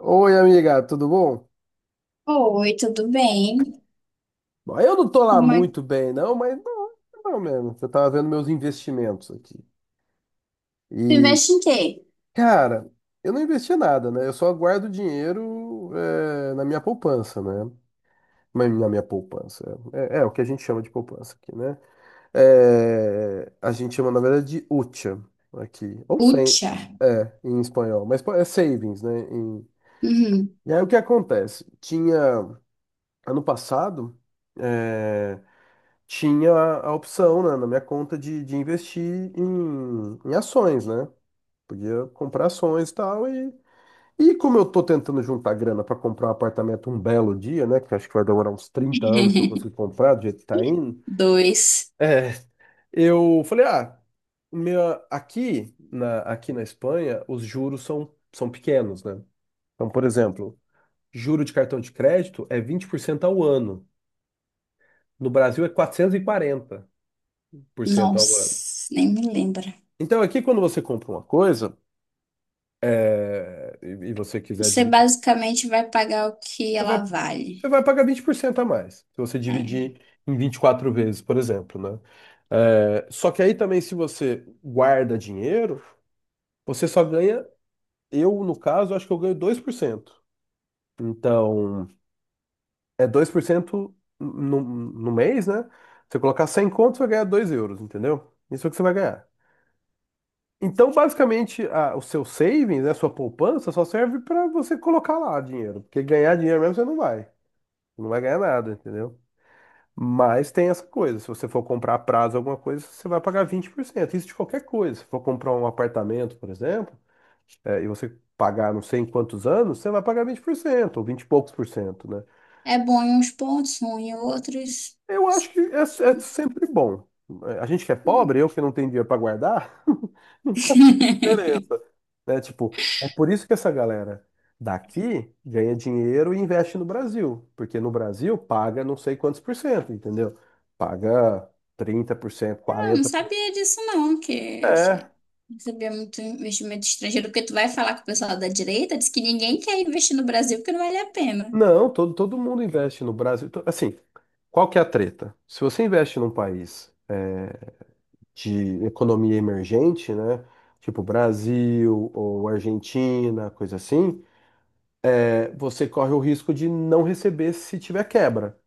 Oi, amiga, tudo bom? Oi, tudo bem? Bom, eu não tô lá Como é que muito bem, não, mas não, não mesmo. Eu tava vendo meus investimentos aqui. tu E, investe em quê? cara, eu não investi nada, né? Eu só guardo dinheiro é, na minha poupança, né? Mas na minha poupança. É, é o que a gente chama de poupança aqui, né? É, a gente chama, na verdade, de hucha aqui. Ou sem, Ucha. é, em espanhol. Mas é savings, né? Uhum. E aí o que acontece? Tinha, ano passado, eh, tinha a, opção, né, na minha conta de, investir em ações, né? Podia comprar ações e tal. E como eu tô tentando juntar grana para comprar um apartamento um belo dia, né? Que eu acho que vai demorar uns 30 anos para eu conseguir comprar, do jeito que tá indo. Dois. É, eu falei, ah, aqui na Espanha, os juros são pequenos, né? Então, por exemplo, juro de cartão de crédito é 20% ao ano. No Brasil é 440% ao ano. Nossa, nem me lembra. Então, aqui, quando você compra uma coisa, é, e você quiser Você dividir, basicamente vai pagar o que você ela vai, você vale. vai pagar 20% a mais, se você dividir em 24 vezes, por exemplo, né? É, só que aí também, se você guarda dinheiro, você só ganha, eu, no caso, acho que eu ganho 2%. Então, é 2% no mês, né? Se você colocar 100 contos, você vai ganhar 2 euros, entendeu? Isso é o que você vai ganhar. Então, basicamente, o seu savings, né, a sua poupança, só serve para você colocar lá dinheiro. Porque ganhar dinheiro mesmo você não vai. Não vai ganhar nada, entendeu? Mas tem essa coisa. Se você for comprar a prazo alguma coisa, você vai pagar 20%. Isso de qualquer coisa. Se for comprar um apartamento, por exemplo, é, e você pagar não sei em quantos anos, você vai pagar 20% ou 20 e poucos por cento, né? É, é bom em uns pontos, ruim em outros. Eu acho que é sempre bom. É, a gente que é Hum. pobre, eu que não tenho dinheiro para guardar, não faz diferença. Né? Tipo, é por isso que essa galera daqui ganha dinheiro e investe no Brasil. Porque no Brasil paga não sei quantos por cento, entendeu? Paga 30%, Eu não 40%. sabia disso não, que É. não sabia muito investimento estrangeiro, porque tu vai falar com o pessoal da direita, diz que ninguém quer investir no Brasil porque não vale a pena. Não, todo mundo investe no Brasil. Assim, qual que é a treta? Se você investe num país, é, de economia emergente, né? Tipo Brasil ou Argentina, coisa assim, é, você corre o risco de não receber se tiver quebra.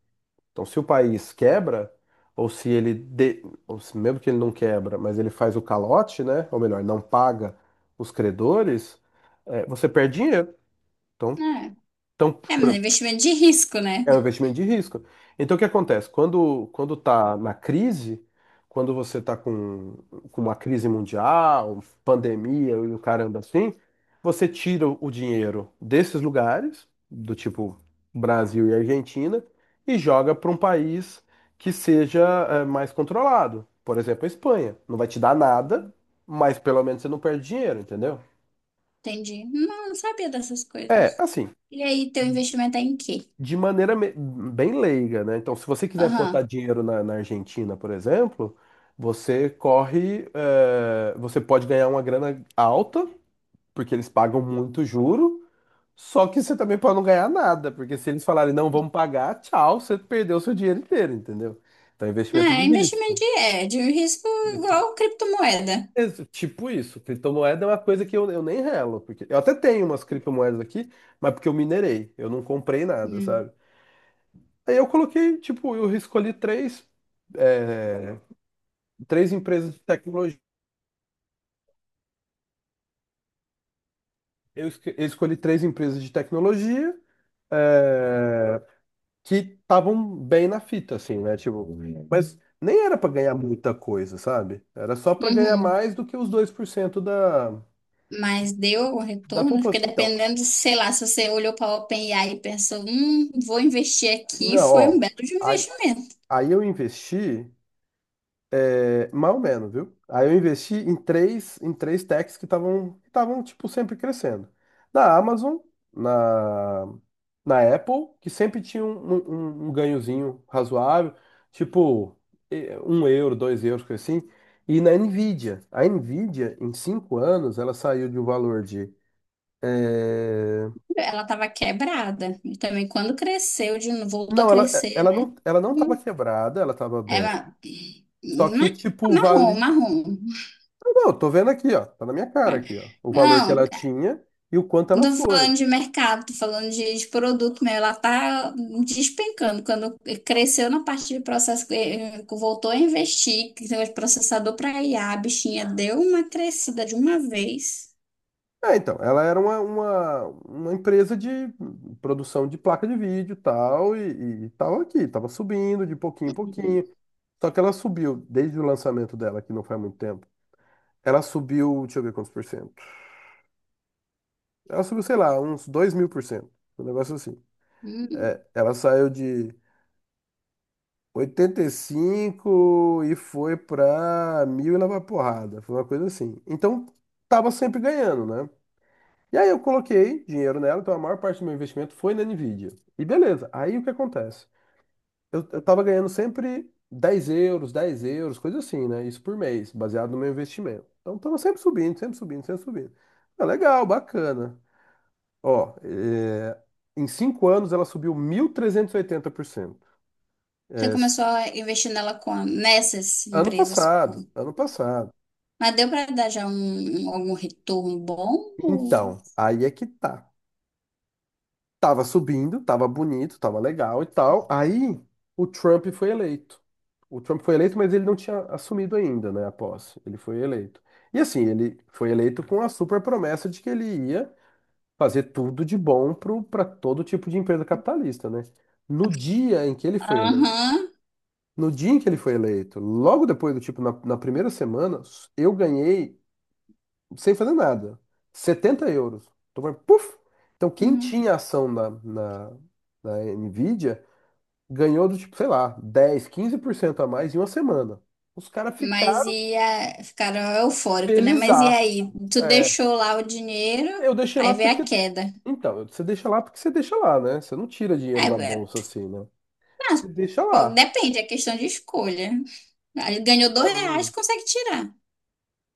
Então, se o país quebra, ou se ele, ou se, mesmo que ele não quebra, mas ele faz o calote, né? Ou melhor, não paga os credores, é, você perde dinheiro. Então, É, então, é, mas é investimento de risco, né? É um investimento de risco. Então, o que acontece? Quando está na crise, quando você está com uma crise mundial, pandemia e o caramba assim, você tira o dinheiro desses lugares, do tipo Brasil e Argentina, e joga para um país que seja mais controlado. Por exemplo, a Espanha. Não vai te dar nada, mas pelo menos você não perde dinheiro, entendeu? Entendi. Não, não sabia dessas É, coisas. assim, E aí, teu investimento é em quê? de maneira bem leiga, né? Então, se você quiser botar Aham. dinheiro na Argentina, por exemplo, você pode ganhar uma grana alta, porque eles pagam muito juro, só que você também pode não ganhar nada, porque se eles falarem não, vamos pagar, tchau, você perdeu seu dinheiro inteiro, entendeu? Então, é investimento de É, investimento risco. de um risco Investi- igual criptomoeda. Tipo isso, criptomoeda é uma coisa que eu nem relo, porque eu até tenho umas criptomoedas aqui, mas porque eu minerei, eu não comprei nada, Hum. sabe? Aí eu coloquei, tipo, eu escolhi é, três empresas de tecnologia. Eu escolhi três empresas de tecnologia, é, que estavam bem na fita, assim, né? Tipo, mas nem era para ganhar muita coisa, sabe? Era só para ganhar Uhum. mais do que os 2% da, Mas deu algum da retorno? poupança. Porque Então, dependendo, sei lá, se você olhou para a OpenAI e pensou: vou investir aqui, não, foi ó. um belo de um Aí, investimento. aí eu investi. Mais ou menos, viu? Aí eu investi em três, techs que estavam tipo sempre crescendo. Na Amazon, na, na Apple, que sempre tinha um ganhozinho razoável, tipo 1 euro, 2 euros, coisa assim. E na Nvidia. A Nvidia, em 5 anos, ela saiu de um valor de. eh, Ela estava quebrada. E também quando cresceu, de novo, voltou a não, ela, crescer, ela né? não, ela não estava Eu- quebrada, ela estava É bem. uma... Só que, ma- tipo, Marrom, vale. marrom. Não, eu tô vendo aqui, ó. Tá na minha cara aqui, ó. O valor que Não, ela tinha e o quanto ela não tô foi. falando de mercado, tô falando de produto mesmo. Ela tá despencando. Quando cresceu na parte de processo, voltou a investir, que tem um processador para IA, a bichinha deu uma crescida de uma vez. É, então, ela era uma empresa de produção de placa de vídeo tal, e tava aqui, tava subindo de pouquinho em Uhum. pouquinho. Só que ela subiu, desde o lançamento dela, que não faz muito tempo, ela subiu, deixa eu ver quantos por cento. Ela subiu, sei lá, uns 2.000%. Um negócio assim. Hum. É, ela saiu de 85 e foi pra mil e lá vai porrada. Foi uma coisa assim. Então, tava sempre ganhando, né? E aí eu coloquei dinheiro nela, então a maior parte do meu investimento foi na Nvidia. E beleza, aí o que acontece? Eu tava ganhando sempre 10 euros, 10 euros, coisa assim, né? Isso por mês, baseado no meu investimento. Então tava sempre subindo, sempre subindo, sempre subindo. Ah, legal, bacana. Ó, é, em 5 anos ela subiu 1.380%. Você É, começou a investir nela com nessas ano empresas. passado, ano passado. Mas deu para dar já algum retorno bom? Ou- Então, aí é que tá. Tava subindo, tava bonito, tava legal e tal. Aí o Trump foi eleito. O Trump foi eleito, mas ele não tinha assumido ainda, né, a posse. Ele foi eleito. E assim, ele foi eleito com a super promessa de que ele ia fazer tudo de bom para todo tipo de empresa capitalista, né? No dia em que ele foi eleito, Aham. no dia em que ele foi eleito, logo depois do tipo, na primeira semana, eu ganhei sem fazer nada, 70 euros. Então, vai, puf! Então, quem Uhum. tinha ação na Nvidia ganhou do tipo, sei lá, 10, 15% a mais em uma semana. Os caras Mas ficaram ficaram eufóricos, né? Mas e felizaços. aí? Tu É, deixou lá o dinheiro, eu deixei lá aí veio a porque. queda. Então, você deixa lá porque você deixa lá, né? Você não tira dinheiro Aí, da bolsa assim, né? Você deixa pô, lá. depende, é questão de escolha. Aí ganhou 2 reais, consegue tirar.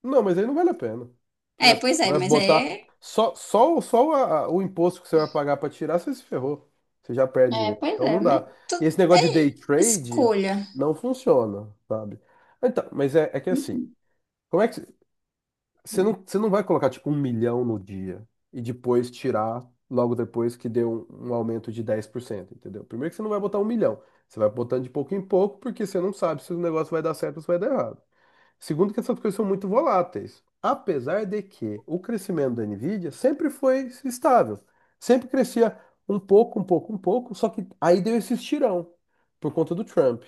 Não, mas aí não vale a pena. Você É, vai, pois é, vai mas botar é. só o imposto que você vai pagar para tirar, você se ferrou. Você já perde É, dinheiro. pois Então é, não mas dá. E esse negócio de day é trade escolha. não funciona, sabe? Então, mas é que assim, como é que você não vai colocar tipo um milhão no dia e depois tirar logo depois que deu um aumento de 10%, entendeu? Primeiro que você não vai botar um milhão. Você vai botando de pouco em pouco porque você não sabe se o negócio vai dar certo ou se vai dar errado. Segundo, que essas coisas são muito voláteis. Apesar de que o crescimento da Nvidia sempre foi estável. Sempre crescia um pouco, um pouco, um pouco, só que aí deu esse estirão por conta do Trump.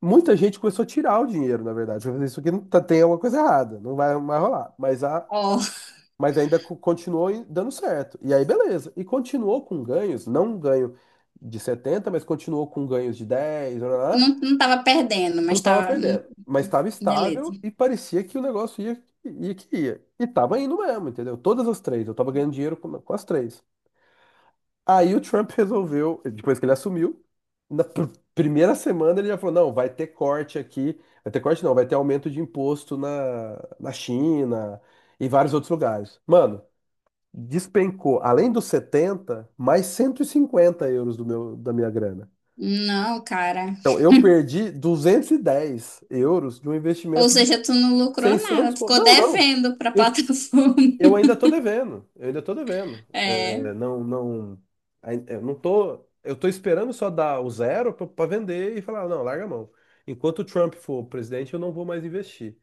Muita gente começou a tirar o dinheiro, na verdade. Falou, isso aqui não tem alguma coisa errada, não vai mais rolar. Mas, a, Ó, mas ainda continuou dando certo. E aí, beleza. E continuou com ganhos, não um ganho de 70, mas continuou com ganhos de 10, blá, blá, não, blá. não tava perdendo, Não mas estava tava. perdendo, mas estava Beleza. estável e parecia que o negócio ia, ia que ia. E tava indo mesmo, entendeu? Todas as três, eu tava ganhando dinheiro com, as três. Aí o Trump resolveu, depois que ele assumiu, na primeira semana ele já falou: não, vai ter corte aqui, vai ter corte não, vai ter aumento de imposto na China e vários outros lugares. Mano, despencou, além dos 70 mais 150 euros do meu, da minha grana. Não, cara. Então, eu perdi 210 euros de um Ou investimento. seja, tu não lucrou nada, tu ficou Não, não. devendo pra Eu, plataforma. eu ainda tô devendo. Eu ainda tô devendo. É. É, não, não. Eu não tô. Eu tô esperando só dar o zero pra vender e falar, não, larga a mão. Enquanto o Trump for presidente, eu não vou mais investir.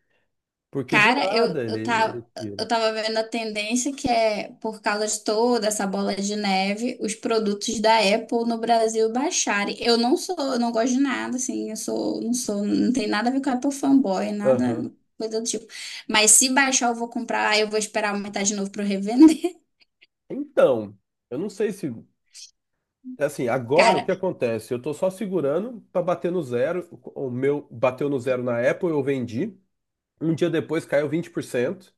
Porque do Cara, eu, nada ele, eu, tava, ele eu tira. tava vendo a tendência que por causa de toda essa bola de neve, os produtos da Apple no Brasil baixarem. Eu não sou, eu não gosto de nada, assim, eu sou, não tem nada a ver com Apple fanboy, nada, Aham. coisa do tipo. Mas se baixar, eu vou comprar, aí eu vou esperar aumentar de novo pra eu revender. Então, eu não sei se. Assim, agora o Cara, que acontece? Eu tô só segurando pra bater no zero. O meu bateu no zero na Apple, eu vendi. Um dia depois caiu 20%.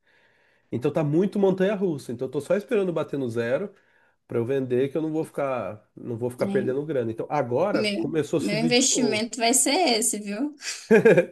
Então tá muito montanha-russa. Então eu tô só esperando bater no zero para eu vender, que eu não vou ficar, né? perdendo grana. Então agora Meu, começou a meu subir de novo. investimento vai ser esse, viu?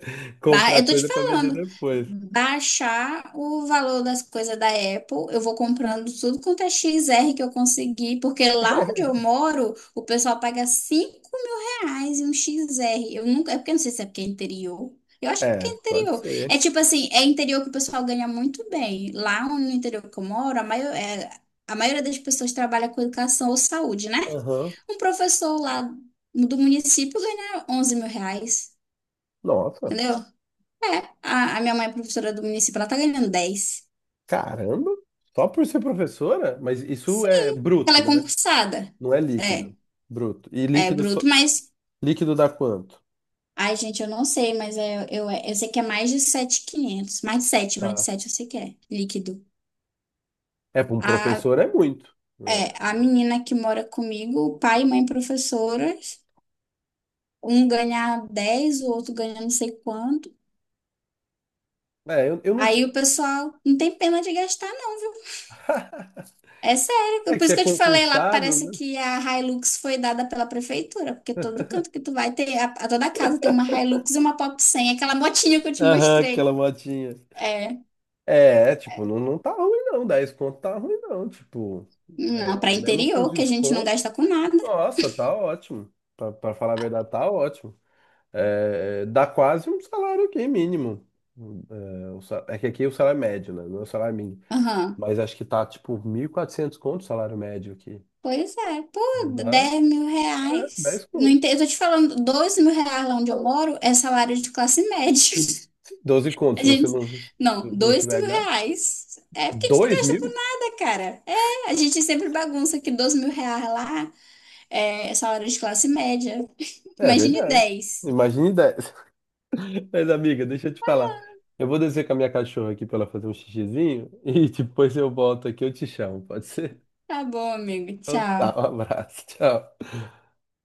Comprar Eu tô te coisa para vender falando, depois. baixar o valor das coisas da Apple, eu vou comprando tudo quanto é XR que eu conseguir, porque lá onde eu moro, o pessoal paga 5 mil reais em um XR. Eu nunca, é porque eu não sei se é porque é interior. Eu acho que é porque é É, pode interior. ser. É tipo assim, é interior que o pessoal ganha muito bem. Lá no interior que eu moro, a maioria das pessoas trabalha com educação ou saúde, né? Aham. Um professor lá do município ganha 11 mil reais, Nossa, entendeu? A minha mãe é professora do município, ela tá ganhando dez. caramba. Só por ser professora? Mas isso é Sim, ela bruto, é né? concursada. Não é É, líquido. Bruto. E é líquido, bruto, mas. líquido dá quanto? Ai, gente, eu não sei, mas eu sei que é mais de 7.500. Mais de 7, mais de Tá. 7 eu sei que é líquido. É, para um A, professor é muito. é, É, a menina que mora comigo, o pai e mãe professoras, um ganha dez, o outro ganha não sei quanto. É, eu, eu não sei. Aí o pessoal não tem pena de gastar. É É sério, que por você isso é que eu te falei lá, concursado, parece né? que a Hilux foi dada pela prefeitura, porque todo canto que tu vai ter, a toda casa tem uma Hilux e uma Pop 100, aquela motinha que eu te Aham, mostrei. aquela motinha. É, É, tipo, não, não tá ruim não, 10 conto tá ruim não, tipo, não, é, para mesmo com interior, que a gente não desconto, gasta com nada. nossa, tá ótimo, pra falar a verdade, tá ótimo, dá quase um salário aqui mínimo, é, o é que aqui o salário é médio, né, não é o salário mínimo, Aham. mas acho que tá, tipo, 1.400 conto o salário médio aqui. Pois é, pô, Então dá, 10 mil é, 10 reais. No conto, inte- eu tô te falando, 12 mil reais lá onde eu moro é salário de classe média. 12 conto, A gente, se não, não 2 tiver mil gasto, reais. É porque a gente não dois gasta com mil, nada, cara. É, a gente sempre bagunça que 12 mil reais lá. É, salário de classe média. é Imagine verdade, dez. imagine dez. Mas, amiga, deixa eu te falar. Eu vou descer com a minha cachorra aqui pra ela fazer um xixizinho e depois eu volto aqui, eu te chamo, pode ser? Tá bom, amigo. Então tá, Tchau. um abraço, tchau.